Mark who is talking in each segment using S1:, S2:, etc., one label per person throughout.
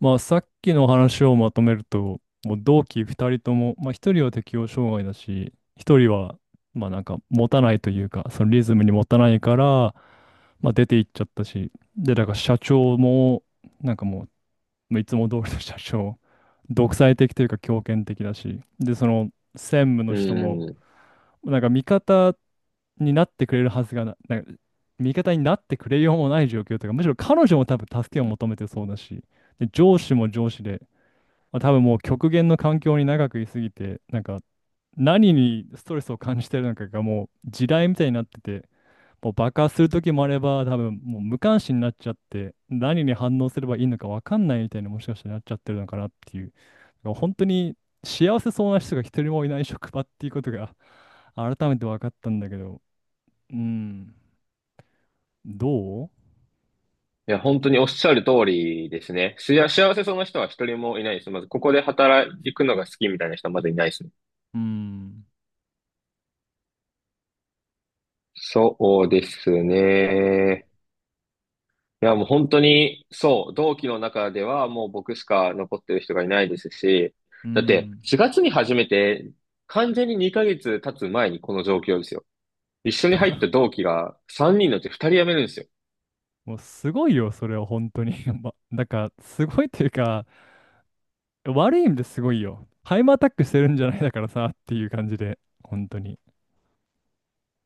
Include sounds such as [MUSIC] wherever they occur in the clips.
S1: まあ、さっきの話をまとめると、もう同期2人とも、まあ、1人は適応障害だし、1人は、まあ、なんか、持たないというか、そのリズムに持たないから、まあ、出て行っちゃったし、で、だから社長も、なんかもう、いつも通りの社長、独裁的というか、強権的だし、で、その、専務の
S2: う
S1: 人も、
S2: ん。い
S1: なんか、味方になってくれるはずがな、なんか、味方になってくれようもない状況というか、むしろ彼女も多分助けを求めてそうだし、で、上司も上司で、まあ、多分もう極限の環境に長くいすぎて、なんか何にストレスを感じてるのかがもう地雷みたいになってて、もう爆発する時もあれば、多分もう無関心になっちゃって、何に反応すればいいのか分かんないみたいにもしかしたらなっちゃってるのかなっていう、だから本当に幸せそうな人が一人もいない職場っていうことが改めて分かったんだけど、うん、どう。
S2: や、本当におっしゃる通りですね。しや、幸せそうな人は一人もいないです。まず、ここで働くのが好きみたいな人はまずいないですね。
S1: うん、
S2: そうですね。いや、もう本当に、そう、同期の中ではもう僕しか残ってる人がいないですし、
S1: う
S2: だって
S1: ん。
S2: 4月に始めて、完全に2ヶ月経つ前にこの状況ですよ。一緒に入った
S1: [LAUGHS]
S2: 同期が3人のうち2人辞めるんですよ。
S1: もうすごいよ、それは本当に。[LAUGHS] ま、なんかすごいというか、悪い意味ですごいよ。ハイマーアタックしてるんじゃないだからさっていう感じで、本当に。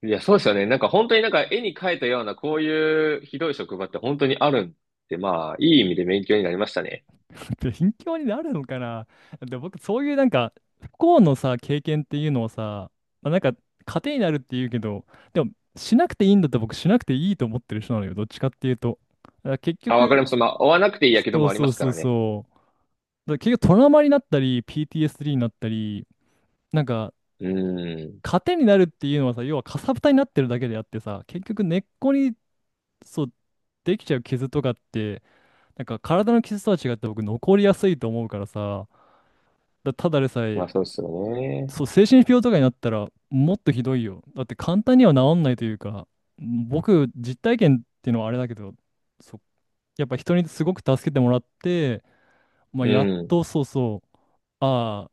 S2: いや、そうですよね。なんか本当になんか絵に描いたようなこういうひどい職場って本当にあるんで、まあ、いい意味で勉強になりましたね。
S1: [LAUGHS] で、貧乏になるのかな。で、僕、そういうなんか、不幸のさ、経験っていうのをさ、まあ、なんか、糧になるっていうけど、でも、しなくていいんだったら僕、しなくていいと思ってる人なのよ。どっちかっていうと。だから結
S2: あ、わかりま
S1: 局、
S2: す。まあ、追わなくていいやけど
S1: そ
S2: も
S1: う
S2: あり
S1: そ
S2: ま
S1: う
S2: すか
S1: そう
S2: らね。
S1: そう。だから結局、トラウマになったり、PTSD になったり、なんか、
S2: うん。
S1: 糧になるっていうのはさ、要はかさぶたになってるだけであってさ、結局根っこにそう、できちゃう傷とかって、なんか体の傷とは違って僕残りやすいと思うからさ、だただでさ
S2: ま
S1: え、
S2: あ、そうですよね。
S1: そう、精神病とかになったらもっとひどいよ。だって簡単には治んないというか、僕、実体験っていうのはあれだけど、そう、やっぱ人にすごく助けてもらって、まあ、
S2: う
S1: やっ
S2: ん。
S1: とそうそう、ああ、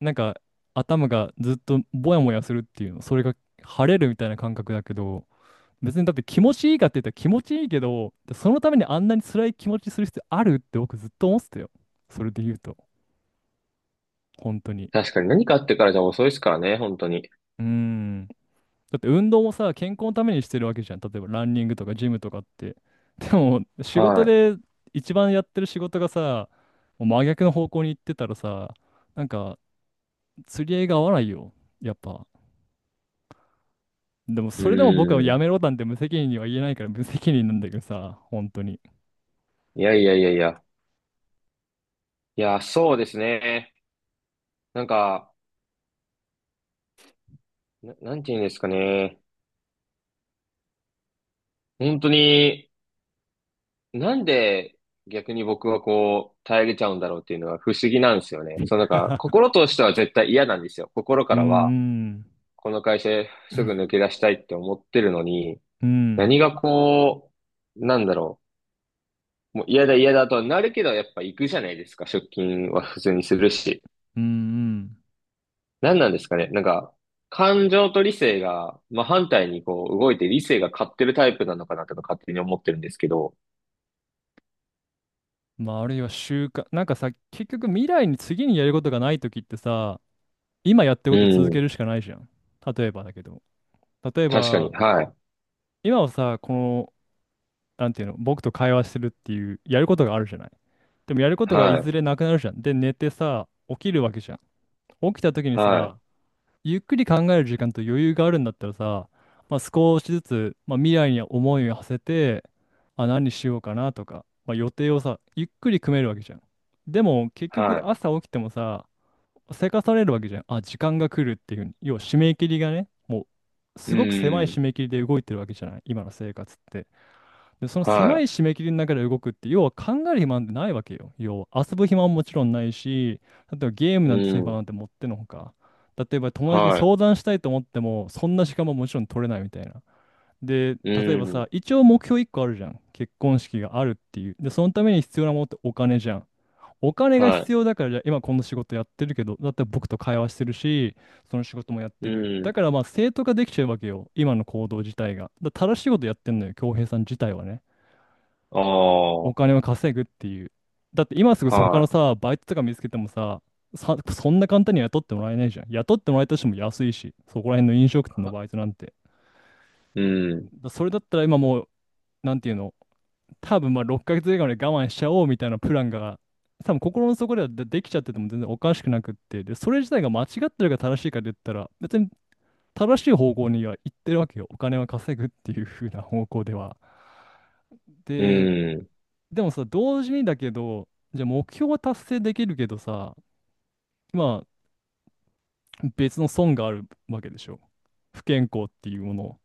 S1: なんか頭がずっとぼやもやするっていうの、それが晴れるみたいな感覚だけど、別にだって気持ちいいかって言ったら気持ちいいけど、そのためにあんなに辛い気持ちする必要あるって僕ずっと思ってたよ。それで言うと、本当に。
S2: 確かに何かあってからじゃ遅いですからね、本当に。
S1: うーん。だって運動もさ、健康のためにしてるわけじゃん。例えばランニングとかジムとかって。でも、仕事
S2: は
S1: で一番やってる仕事がさ、もう真逆の方向に行ってたらさ、なんか釣り合いが合わないよ。やっぱ。でも、
S2: い。う
S1: それでも僕はや
S2: ん。
S1: めろなんて無責任には言えないから無責任なんだけどさ、本当に。
S2: いやいやいやいや。いや、そうですね。なんか、な、なんて言うんですかね。本当に、なんで逆に僕はこう、耐えれちゃうんだろうっていうのは不思議なんですよね。そのなんか、
S1: [LAUGHS]
S2: 心としては絶対嫌なんですよ。心
S1: う
S2: か
S1: ん。
S2: らは、
S1: うん。
S2: この会社すぐ抜け出したいって思ってるのに、
S1: うん。
S2: 何がこう、なんだろう。もう嫌だ嫌だとはなるけど、やっぱ行くじゃないですか。出勤は普通にするし。
S1: うん。うん。
S2: 何なんですかね。なんか、感情と理性が、まあ、反対にこう、動いて理性が勝ってるタイプなのかなとか勝手に思ってるんですけど。
S1: まああるいは習慣なんかさ、結局未来に次にやることがないときってさ、今やってる
S2: う
S1: ことを続け
S2: ん。
S1: るしかないじゃん。例えばだけど例え
S2: 確かに。
S1: ば
S2: はい。
S1: 今はさ、この、なんていうの、僕と会話してるっていうやることがあるじゃない。でもやることが
S2: は
S1: いず
S2: い。
S1: れなくなるじゃん。で寝てさ、起きるわけじゃん。起きたときに
S2: はい。
S1: さ、ゆっくり考える時間と余裕があるんだったらさ、まあ、少しずつ、まあ、未来に思いを馳せて、あ、何しようかなとか、まあ、予定をさ、ゆっくり組めるわけじゃん。でも結局
S2: はい。
S1: 朝起きてもさ、せかされるわけじゃん。あ、時間が来るっていうふうに。要は締め切りがね、もう
S2: う
S1: すごく狭い
S2: ん。
S1: 締め切りで動いてるわけじゃない、今の生活って。で、その狭い
S2: は
S1: 締め切りの中で動くって、要は考える暇なんてないわけよ。要は遊ぶ暇ももちろんないし、例えばゲーム
S2: い。う
S1: なんてする暇
S2: ん。
S1: なんてもってのほか。例えば友達に
S2: は
S1: 相談したいと思っても、そんな時間ももちろん取れないみたいな。で、
S2: い。う
S1: 例えばさ、
S2: ん。
S1: 一応目標1個あるじゃん。結婚式があるっていう。で、そのために必要なものってお金じゃん。お金が
S2: は
S1: 必要だから、じゃあ今この仕事やってるけど、だって僕と会話してるし、その仕事もやっ
S2: い。
S1: て
S2: う
S1: る。だ
S2: ん。
S1: からまあ正当化できちゃうわけよ。今の行動自体が。だから正しいことやってんのよ、恭平さん自体はね。
S2: あ
S1: お
S2: あ。
S1: 金を稼ぐっていう。だって今すぐ他の
S2: は
S1: さ、バイトとか見つけてもさ、そんな簡単には雇ってもらえないじゃん。雇ってもらえたとしても安いし、そこら辺の飲食店のバイトなんて。
S2: い。うん。
S1: だそれだったら今もう、なんていうの、多分まあ6ヶ月以外まで我慢しちゃおうみたいなプランが、多分心の底ではで、できちゃってても全然おかしくなくって、で、それ自体が間違ってるか正しいかで言ったら、別に正しい方向には行ってるわけよ。お金は稼ぐっていう風な方向では。
S2: う
S1: で、
S2: ん。
S1: でもさ、同時にだけど、じゃあ目標は達成できるけどさ、まあ別の損があるわけでしょ。不健康っていうもの、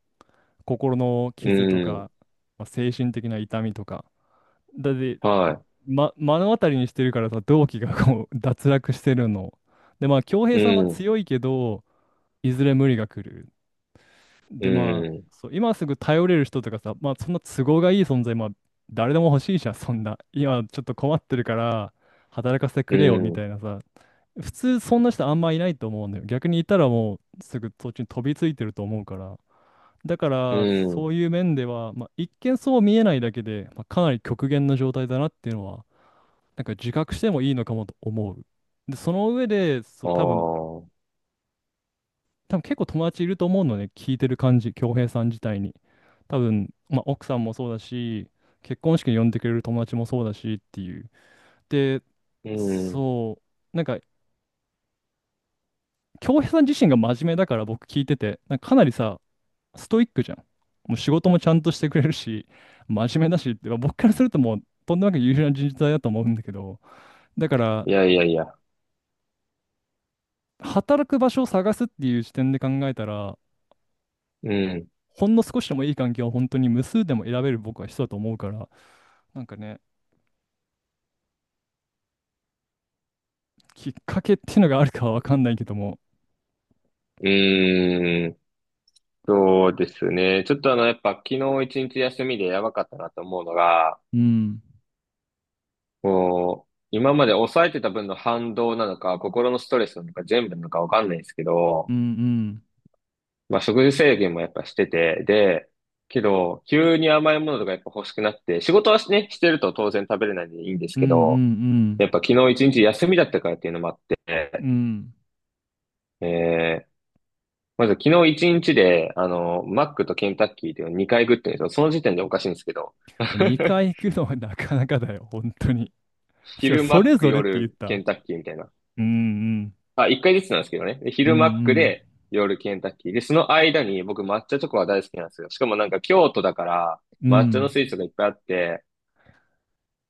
S1: 心の
S2: う
S1: 傷と
S2: ん。
S1: か、まあ、精神的な痛みとか。だって、
S2: は
S1: ま、目の当たりにしてるからさ、同期がこう [LAUGHS] 脱落してるの。で、まあ、恭
S2: い。
S1: 平さん
S2: う
S1: は
S2: ん。
S1: 強いけど、いずれ無理が来る。
S2: う
S1: で、まあ、
S2: ん。
S1: そう、今すぐ頼れる人とかさ、まあ、そんな都合がいい存在、まあ、誰でも欲しいじゃん、そんな。今ちょっと困ってるから、働かせて
S2: う
S1: くれよ、みた
S2: ん。
S1: いなさ。普通、そんな人あんまいないと思うんだよ。逆にいたらもう、すぐそっちに飛びついてると思うから。だか
S2: う
S1: ら、そ
S2: ん。
S1: ういう面では、まあ、一見そう見えないだけで、まあ、かなり極限の状態だなっていうのは、なんか自覚してもいいのかもと思う。で、その上で、そう、
S2: あ
S1: 多分、
S2: あ。
S1: 多分結構友達いると思うのね、聞いてる感じ、恭平さん自体に。多分、まあ、奥さんもそうだし、結婚式に呼んでくれる友達もそうだしっていう。で、
S2: うん。
S1: そう、なんか、恭平さん自身が真面目だから僕聞いてて、なんかかなりさ、ストイックじゃん。もう仕事もちゃんとしてくれるし、真面目だしって、まあ僕からするともう、とんでもなく優秀な人材だと思うんだけど、だから、
S2: いやいやいや。
S1: 働く場所を探すっていう視点で考えたら、
S2: うん。
S1: ほんの少しでもいい環境を本当に無数でも選べる僕は人だと思うから、なんかね、きっかけっていうのがあるかはわかんないけども、
S2: うーん。そうですね。ちょっとあの、やっぱ昨日一日休みでやばかったなと思うのが、
S1: うん。
S2: こう、今まで抑えてた分の反動なのか、心のストレスなのか、全部なのかわかんないですけ
S1: う
S2: ど、
S1: ん。うん。
S2: まあ食事制限もやっぱしてて、で、けど、急に甘いものとかやっぱ欲しくなって、仕事はね、してると当然食べれないんでいいんです
S1: うん。
S2: け
S1: う
S2: ど、
S1: ん。
S2: やっぱ昨日一日休みだったからっていうのもあって、
S1: うん。うん。
S2: えー、まず昨日一日で、あの、マックとケンタッキーっていうのを2回食ってるんですよ。その時点でおかしいんですけど。
S1: もう
S2: [LAUGHS]
S1: 2回行くのはなかなかだよ、本当に。すごい、
S2: 昼マ
S1: そ
S2: ッ
S1: れ
S2: ク、
S1: ぞれって言っ
S2: 夜ケ
S1: た。
S2: ンタッキーみたいな。
S1: うん。うん。
S2: あ、1回ずつなんですけどね。で
S1: う
S2: 昼マック
S1: ん。
S2: で、夜ケンタッキー。で、その間に僕抹茶チョコが大好きなんですよ。しかもなんか京都だから、
S1: うん。う
S2: 抹茶の
S1: ん。
S2: スイーツがいっぱいあって、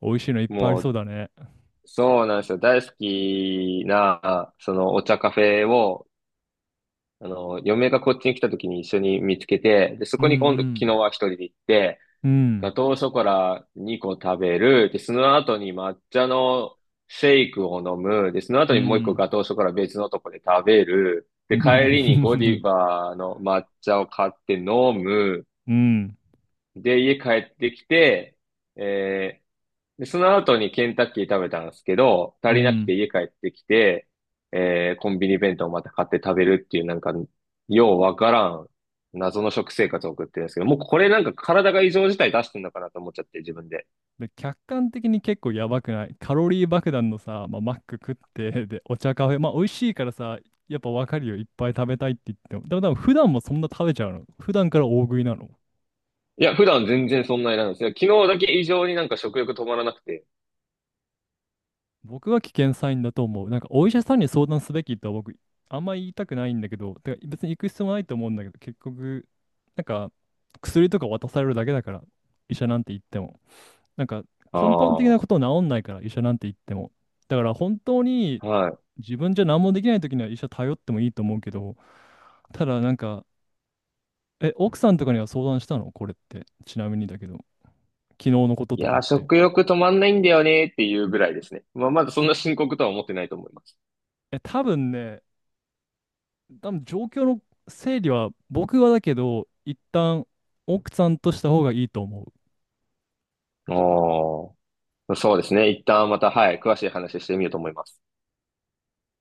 S1: 美味しいのいっぱいあり
S2: も
S1: そう
S2: う、
S1: だね。
S2: そうなんですよ。大好きな、そのお茶カフェを、あの、嫁がこっちに来た時に一緒に見つけて、で、そ
S1: う
S2: こに今度、昨日
S1: ん。
S2: は一人で行って、
S1: うん。うん。
S2: ガトーショコラ2個食べる、で、その後に抹茶のシェイクを飲む、で、その
S1: う
S2: 後にもう一個
S1: ん。
S2: ガトーショコラ別のとこで食べる、
S1: う
S2: で、
S1: ん。う
S2: 帰りにゴデ
S1: ん。
S2: ィバの抹茶を買って飲む、
S1: うん。
S2: で、家帰ってきて、えーで、その後にケンタッキー食べたんですけど、
S1: う
S2: 足りなくて
S1: ん。
S2: 家帰ってきて、コンビニ弁当をまた買って食べるっていうなんか、ようわからん謎の食生活を送ってるんですけど、もうこれなんか体が異常事態出してんのかなと思っちゃって自分で。
S1: で、客観的に結構やばくない。カロリー爆弾のさ、まあ、マック食って、[LAUGHS] で、お茶カフェ、まあ、美味しいからさ、やっぱわかるよ。いっぱい食べたいって言っても。でも多分普段もそんな食べちゃうの。普段から大食いなの。
S2: いや、普段全然そんなになんですよ。昨日だけ異常になんか食欲止まらなくて。
S1: 僕は危険サインだと思う。なんかお医者さんに相談すべきとは僕、あんまり言いたくないんだけど、てか別に行く必要もないと思うんだけど、結局、なんか薬とか渡されるだけだから、医者なんて言っても。なんか
S2: あ
S1: 根本的な
S2: あ、
S1: こと治んないから、医者なんて言っても。だから本当に
S2: はい。
S1: 自分じゃ何もできない時には医者頼ってもいいと思うけど、ただなんか、え、奥さんとかには相談したのこれって。ちなみにだけど、昨日のこと
S2: い
S1: とか
S2: や、
S1: って。
S2: 食欲止まんないんだよねっていうぐらいですね。まあ、まだそんな深刻とは思ってないと思います。
S1: え、多分ね、多分状況の整理は僕はだけど、一旦奥さんとした方がいいと思う。
S2: ああ、そうですね。一旦また、はい、詳しい話してみようと思います。